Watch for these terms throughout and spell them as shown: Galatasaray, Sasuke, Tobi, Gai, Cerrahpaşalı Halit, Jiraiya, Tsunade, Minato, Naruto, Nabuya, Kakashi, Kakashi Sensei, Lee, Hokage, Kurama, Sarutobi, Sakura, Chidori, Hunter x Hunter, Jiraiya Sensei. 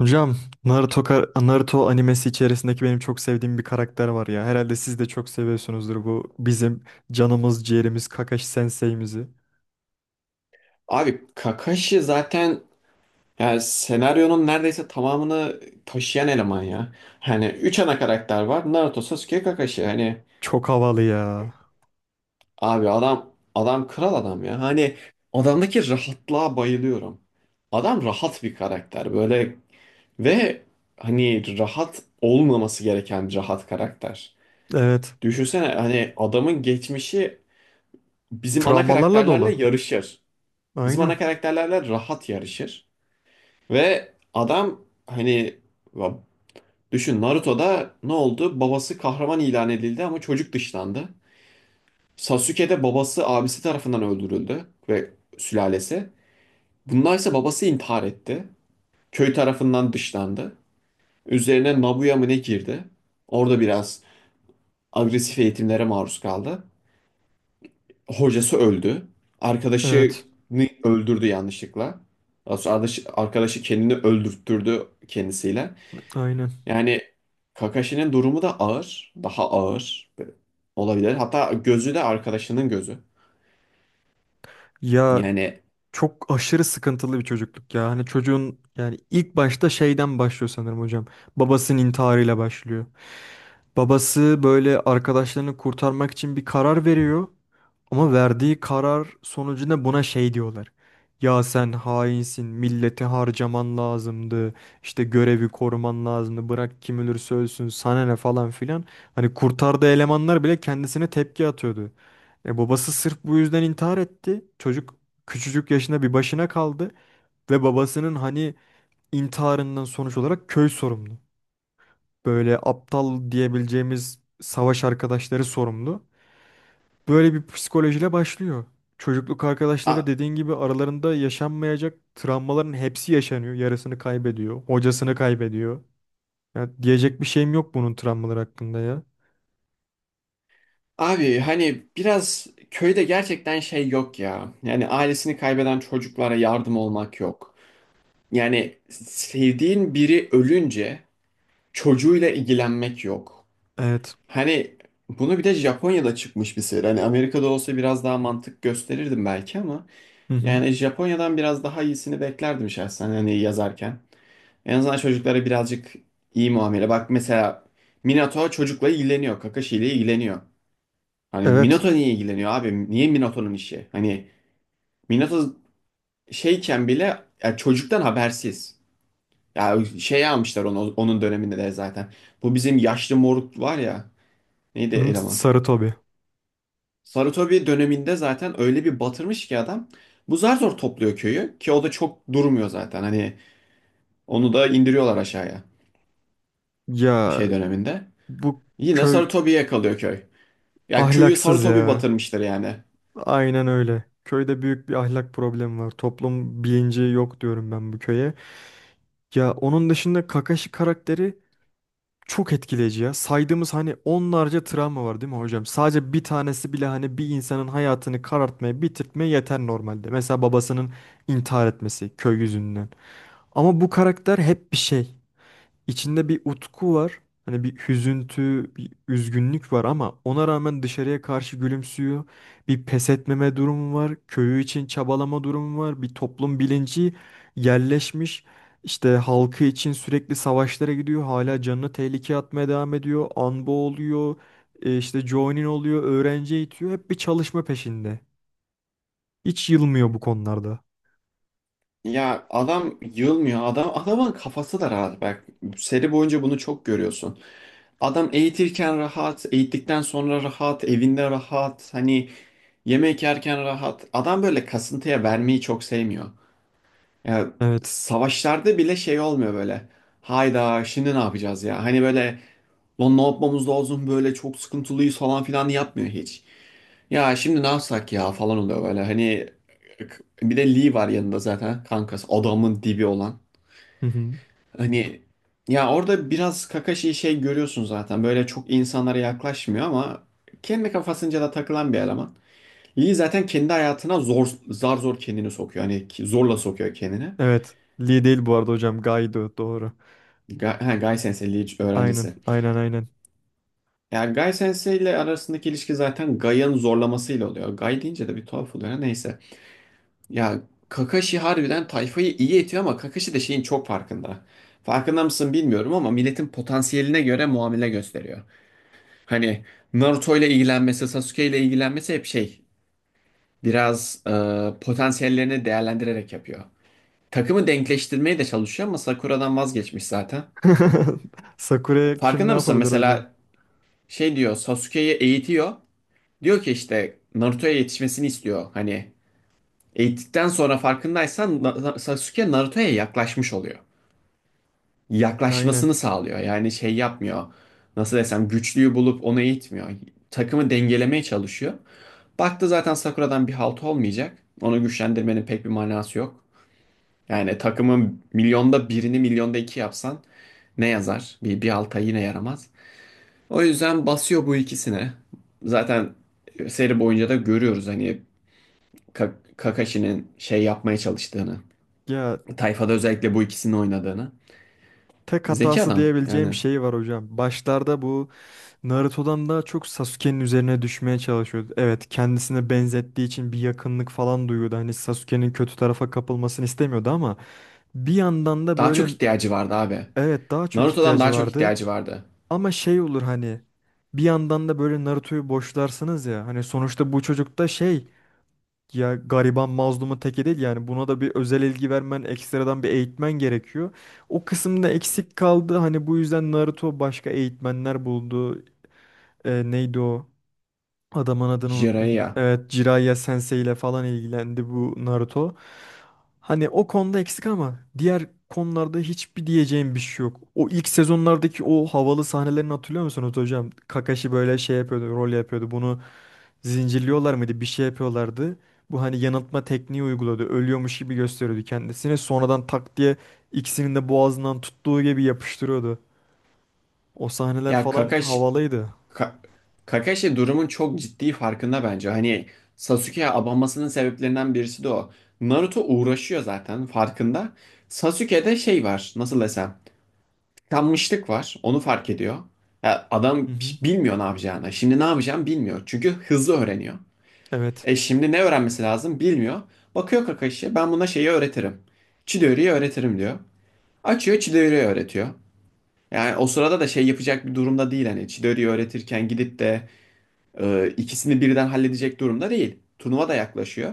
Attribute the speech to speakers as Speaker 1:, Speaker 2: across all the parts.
Speaker 1: Hocam, Naruto, Naruto animesi içerisindeki benim çok sevdiğim bir karakter var ya. Herhalde siz de çok seviyorsunuzdur bu bizim canımız ciğerimiz Kakashi Sensei'mizi.
Speaker 2: Abi Kakashi zaten yani senaryonun neredeyse tamamını taşıyan eleman ya. Hani üç ana karakter var. Naruto, Sasuke, Kakashi. Hani
Speaker 1: Çok havalı ya.
Speaker 2: abi adam kral adam ya. Hani adamdaki rahatlığa bayılıyorum. Adam rahat bir karakter böyle ve hani rahat olmaması gereken bir rahat karakter.
Speaker 1: Evet.
Speaker 2: Düşünsene hani adamın geçmişi bizim ana
Speaker 1: Travmalarla
Speaker 2: karakterlerle
Speaker 1: dolu.
Speaker 2: yarışır. Bizim
Speaker 1: Aynen.
Speaker 2: ana karakterlerle rahat yarışır. Ve adam hani ya düşün, Naruto'da ne oldu? Babası kahraman ilan edildi ama çocuk dışlandı. Sasuke'de babası abisi tarafından öldürüldü ve sülalesi. Bunlar ise babası intihar etti. Köy tarafından dışlandı. Üzerine Nabuya mı ne girdi? Orada biraz agresif eğitimlere maruz kaldı. Hocası öldü. Arkadaşını
Speaker 1: Evet.
Speaker 2: öldürdü yanlışlıkla. Daha sonra arkadaşı kendini öldürttürdü kendisiyle.
Speaker 1: Aynen.
Speaker 2: Yani Kakashi'nin durumu da ağır. Daha ağır olabilir. Hatta gözü de arkadaşının gözü.
Speaker 1: Ya,
Speaker 2: Yani
Speaker 1: çok aşırı sıkıntılı bir çocukluk ya. Hani çocuğun, yani ilk başta şeyden başlıyor sanırım hocam. Babasının intiharıyla başlıyor. Babası böyle arkadaşlarını kurtarmak için bir karar veriyor. Ama verdiği karar sonucunda buna şey diyorlar. Ya sen hainsin, milleti harcaman lazımdı, işte görevi koruman lazımdı, bırak kim ölürse ölsün, sana ne falan filan. Hani kurtardığı elemanlar bile kendisine tepki atıyordu. E babası sırf bu yüzden intihar etti. Çocuk küçücük yaşında bir başına kaldı ve babasının hani intiharından sonuç olarak köy sorumlu, böyle aptal diyebileceğimiz savaş arkadaşları sorumlu. Böyle bir psikolojiyle başlıyor. Çocukluk arkadaşları
Speaker 2: a-
Speaker 1: dediğin gibi aralarında yaşanmayacak travmaların hepsi yaşanıyor. Yarısını kaybediyor, hocasını kaybediyor. Ya diyecek bir şeyim yok bunun travmalar hakkında ya.
Speaker 2: abi hani biraz köyde gerçekten şey yok ya. Yani ailesini kaybeden çocuklara yardım olmak yok. Yani sevdiğin biri ölünce çocuğuyla ilgilenmek yok.
Speaker 1: Evet.
Speaker 2: Hani bunu bir de Japonya'da çıkmış bir seri. Hani Amerika'da olsa biraz daha mantık gösterirdim belki ama
Speaker 1: Hı hı.
Speaker 2: yani Japonya'dan biraz daha iyisini beklerdim şahsen hani yazarken. En azından çocuklara birazcık iyi muamele. Bak mesela Minato çocukla ilgileniyor. Kakashi ile ilgileniyor. Hani
Speaker 1: Evet.
Speaker 2: Minato niye ilgileniyor abi? Niye Minato'nun işi? Hani Minato şeyken bile ya çocuktan habersiz. Ya şey almışlar onu onun döneminde de zaten. Bu bizim yaşlı moruk var ya. Neydi
Speaker 1: Hı,
Speaker 2: eleman?
Speaker 1: sarı Tobi.
Speaker 2: Sarutobi döneminde zaten öyle bir batırmış ki adam. Bu zar zor topluyor köyü ki o da çok durmuyor zaten. Hani onu da indiriyorlar aşağıya
Speaker 1: Ya
Speaker 2: şey döneminde.
Speaker 1: bu
Speaker 2: Yine
Speaker 1: köy
Speaker 2: Sarutobi'ye kalıyor köy. Ya köyü
Speaker 1: ahlaksız
Speaker 2: Sarutobi
Speaker 1: ya.
Speaker 2: batırmıştır yani.
Speaker 1: Aynen öyle. Köyde büyük bir ahlak problemi var. Toplum bilinci yok diyorum ben bu köye. Ya onun dışında Kakashi karakteri çok etkileyici ya. Saydığımız hani onlarca travma var değil mi hocam? Sadece bir tanesi bile hani bir insanın hayatını karartmaya, bitirtmeye yeter normalde. Mesela babasının intihar etmesi köy yüzünden. Ama bu karakter hep bir şey. İçinde bir utku var. Hani bir hüzüntü, bir üzgünlük var ama ona rağmen dışarıya karşı gülümsüyor. Bir pes etmeme durumu var. Köyü için çabalama durumu var. Bir toplum bilinci yerleşmiş. İşte halkı için sürekli savaşlara gidiyor. Hala canını tehlikeye atmaya devam ediyor. Anbo oluyor. İşte joining oluyor. Öğrenci eğitiyor. Hep bir çalışma peşinde. Hiç yılmıyor bu konularda.
Speaker 2: Ya adam yılmıyor. Adam adamın kafası da rahat. Bak seri boyunca bunu çok görüyorsun. Adam eğitirken rahat, eğittikten sonra rahat, evinde rahat, hani yemek yerken rahat. Adam böyle kasıntıya vermeyi çok sevmiyor. Ya
Speaker 1: Evet.
Speaker 2: savaşlarda bile şey olmuyor böyle. Hayda, şimdi ne yapacağız ya? Hani böyle lan ne yapmamız lazım, böyle çok sıkıntılıyız falan filan yapmıyor hiç. Ya şimdi ne yapsak ya falan oluyor böyle. Hani bir de Lee var yanında zaten kankası adamın dibi olan.
Speaker 1: Hı hı.
Speaker 2: Hani ya orada biraz Kakashi'yi şey görüyorsun zaten. Böyle çok insanlara yaklaşmıyor ama kendi kafasınca da takılan bir eleman. Lee zaten kendi hayatına zar zor kendini sokuyor. Hani zorla sokuyor kendini.
Speaker 1: Evet. Lee değil bu arada hocam. Gaido doğru.
Speaker 2: Gai Sensei Lee
Speaker 1: Aynen.
Speaker 2: öğrencisi.
Speaker 1: Aynen, aynen.
Speaker 2: Ya Gai Sensei ile arasındaki ilişki zaten Gai'ın zorlamasıyla oluyor. Gai deyince de bir tuhaf oluyor. Neyse. Ya Kakashi harbiden tayfayı iyi etiyor ama Kakashi de şeyin çok farkında. Farkında mısın bilmiyorum ama milletin potansiyeline göre muamele gösteriyor. Hani Naruto ile ilgilenmesi, Sasuke ile ilgilenmesi hep şey biraz potansiyellerini değerlendirerek yapıyor. Takımı denkleştirmeye de çalışıyor ama Sakura'dan vazgeçmiş zaten.
Speaker 1: Sakura'ya kim ne
Speaker 2: Farkında mısın
Speaker 1: yapabilir hocam?
Speaker 2: mesela şey diyor, Sasuke'yi eğitiyor. Diyor ki işte Naruto'ya yetişmesini istiyor. Hani eğittikten sonra farkındaysan Sasuke Naruto'ya yaklaşmış oluyor.
Speaker 1: Aynen.
Speaker 2: Yaklaşmasını sağlıyor. Yani şey yapmıyor. Nasıl desem, güçlüyü bulup onu eğitmiyor. Takımı dengelemeye çalışıyor. Baktı zaten Sakura'dan bir halt olmayacak. Onu güçlendirmenin pek bir manası yok. Yani takımın milyonda birini milyonda iki yapsan ne yazar? Bir halta yine yaramaz. O yüzden basıyor bu ikisine. Zaten seri boyunca da görüyoruz hani Kakashi'nin şey yapmaya çalıştığını.
Speaker 1: Ya,
Speaker 2: Tayfada özellikle bu ikisini oynadığını.
Speaker 1: tek
Speaker 2: Zeki
Speaker 1: hatası
Speaker 2: adam
Speaker 1: diyebileceğim
Speaker 2: yani.
Speaker 1: şey var hocam. Başlarda bu Naruto'dan daha çok Sasuke'nin üzerine düşmeye çalışıyordu. Evet, kendisine benzettiği için bir yakınlık falan duyuyordu. Hani Sasuke'nin kötü tarafa kapılmasını istemiyordu ama bir yandan da
Speaker 2: Daha çok
Speaker 1: böyle,
Speaker 2: ihtiyacı vardı abi.
Speaker 1: evet, daha çok
Speaker 2: Naruto'dan
Speaker 1: ihtiyacı
Speaker 2: daha çok
Speaker 1: vardı.
Speaker 2: ihtiyacı vardı.
Speaker 1: Ama şey olur hani, bir yandan da böyle Naruto'yu boşlarsınız ya. Hani sonuçta bu çocuk da şey, ya gariban mazlumun teki değil, yani buna da bir özel ilgi vermen, ekstradan bir eğitmen gerekiyor. O kısımda eksik kaldı. Hani bu yüzden Naruto başka eğitmenler buldu. E, neydi o? Adamın adını unuttum.
Speaker 2: Jiraiya.
Speaker 1: Evet, Jiraiya Sensei ile falan ilgilendi bu Naruto. Hani o konuda eksik ama diğer konularda hiçbir diyeceğim bir şey yok. O ilk sezonlardaki o havalı sahnelerini hatırlıyor musunuz hocam? Kakashi böyle şey yapıyordu, rol yapıyordu. Bunu zincirliyorlar mıydı? Bir şey yapıyorlardı. Bu hani yanıltma tekniği uyguladı. Ölüyormuş gibi gösteriyordu kendisini. Sonradan tak diye ikisinin de boğazından tuttuğu gibi yapıştırıyordu. O sahneler
Speaker 2: Ya
Speaker 1: falan
Speaker 2: Kakashi,
Speaker 1: havalıydı.
Speaker 2: Ka- Kakashi durumun çok ciddi farkında bence. Hani Sasuke'ye abanmasının sebeplerinden birisi de o. Naruto uğraşıyor zaten, farkında. Sasuke'de şey var nasıl desem. Tıkanmışlık var, onu fark ediyor. Ya
Speaker 1: Hı
Speaker 2: adam
Speaker 1: hı.
Speaker 2: bilmiyor ne yapacağını. Şimdi ne yapacağını bilmiyor. Çünkü hızlı öğreniyor.
Speaker 1: Evet,
Speaker 2: E şimdi ne öğrenmesi lazım bilmiyor. Bakıyor Kakashi ben buna şeyi öğretirim. Chidori'yi öğretirim diyor. Açıyor Chidori'yi öğretiyor. Yani o sırada da şey yapacak bir durumda değil hani Chidori'yi öğretirken gidip de ikisini birden halledecek durumda değil. Turnuva da yaklaşıyor.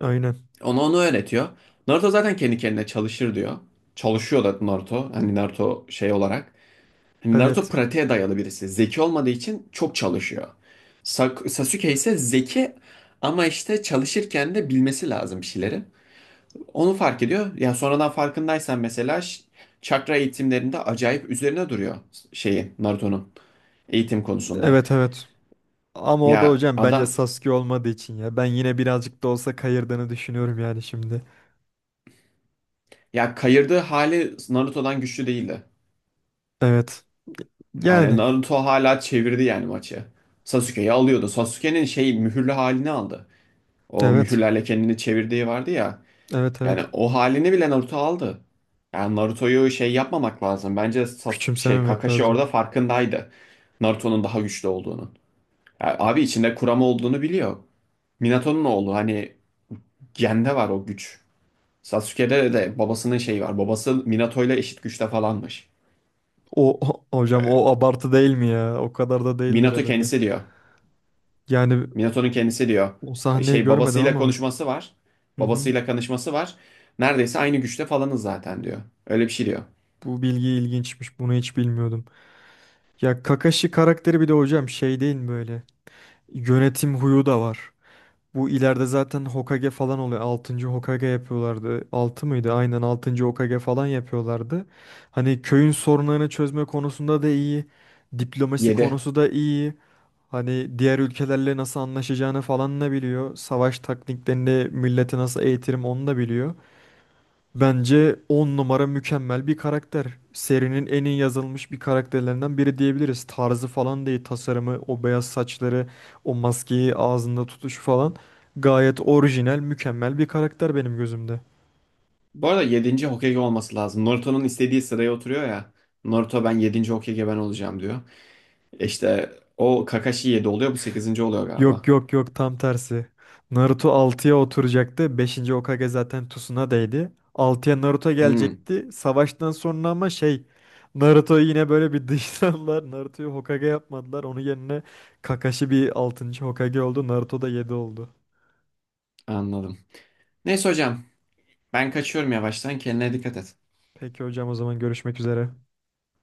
Speaker 1: aynen.
Speaker 2: Ona onu öğretiyor. Naruto zaten kendi kendine çalışır diyor. Çalışıyor da Naruto. Hani Naruto şey olarak. Hani Naruto
Speaker 1: Evet.
Speaker 2: pratiğe dayalı birisi. Zeki olmadığı için çok çalışıyor. Sasuke ise zeki ama işte çalışırken de bilmesi lazım bir şeyleri. Onu fark ediyor. Ya sonradan farkındaysan mesela çakra eğitimlerinde acayip üzerine duruyor şeyi Naruto'nun. Eğitim konusunda.
Speaker 1: Evet, evet. Ama o da
Speaker 2: Ya
Speaker 1: hocam bence
Speaker 2: adam
Speaker 1: Sasuke olmadığı için ya. Ben yine birazcık da olsa kayırdığını düşünüyorum yani şimdi.
Speaker 2: ya, kayırdığı hali Naruto'dan güçlü değildi.
Speaker 1: Evet.
Speaker 2: Yani
Speaker 1: Yani
Speaker 2: Naruto hala çevirdi yani maçı. Sasuke'yi alıyordu. Sasuke'nin şey mühürlü halini aldı. O
Speaker 1: evet.
Speaker 2: mühürlerle kendini çevirdiği vardı ya.
Speaker 1: Evet,
Speaker 2: Yani
Speaker 1: evet.
Speaker 2: o halini bile Naruto aldı. Yani Naruto'yu şey yapmamak lazım. Bence
Speaker 1: Küçümsememek
Speaker 2: Kakashi
Speaker 1: lazım.
Speaker 2: orada farkındaydı. Naruto'nun daha güçlü olduğunu. Yani abi içinde Kurama olduğunu biliyor. Minato'nun oğlu hani gende var o güç. Sasuke'de de babasının şeyi var. Babası Minato ile eşit güçte falanmış.
Speaker 1: Hocam o abartı değil mi ya? O kadar da değildir
Speaker 2: Minato
Speaker 1: herhalde.
Speaker 2: kendisi diyor.
Speaker 1: Yani
Speaker 2: Minato'nun kendisi diyor.
Speaker 1: o sahneyi
Speaker 2: Şey
Speaker 1: görmedim
Speaker 2: babasıyla
Speaker 1: ama.
Speaker 2: konuşması var.
Speaker 1: Hı hı.
Speaker 2: Babasıyla konuşması var. Neredeyse aynı güçte falanız zaten diyor. Öyle bir şey diyor.
Speaker 1: Bu bilgi ilginçmiş. Bunu hiç bilmiyordum. Ya Kakashi karakteri bir de hocam şey değil mi böyle? Yönetim huyu da var. Bu ileride zaten Hokage falan oluyor. 6. Hokage yapıyorlardı. Altı mıydı? Aynen, 6. Hokage falan yapıyorlardı. Hani köyün sorunlarını çözme konusunda da iyi. Diplomasi
Speaker 2: Yedi.
Speaker 1: konusu da iyi. Hani diğer ülkelerle nasıl anlaşacağını falan da biliyor. Savaş taktiklerini, milleti nasıl eğitirim onu da biliyor. Bence 10 numara, mükemmel bir karakter. Serinin en iyi yazılmış bir karakterlerinden biri diyebiliriz. Tarzı falan değil, tasarımı, o beyaz saçları, o maskeyi ağzında tutuşu falan. Gayet orijinal, mükemmel bir karakter benim gözümde.
Speaker 2: Bu arada yedinci Hokage olması lazım. Naruto'nun istediği sıraya oturuyor ya. Naruto ben yedinci Hokage ben olacağım diyor. E İşte o Kakashi 7 oluyor, bu sekizinci oluyor
Speaker 1: Yok
Speaker 2: galiba.
Speaker 1: yok yok, tam tersi. Naruto altıya oturacaktı. Beşinci Hokage zaten Tsunadeydi. Altıya Naruto
Speaker 2: Hmm.
Speaker 1: gelecekti. Savaştan sonra ama şey, Naruto'yu yine böyle bir dışladılar. Naruto'yu Hokage yapmadılar. Onun yerine Kakashi bir 6. Hokage oldu. Naruto da 7 oldu.
Speaker 2: Anladım. Neyse hocam ben kaçıyorum yavaştan, kendine dikkat et.
Speaker 1: Peki hocam, o zaman görüşmek üzere.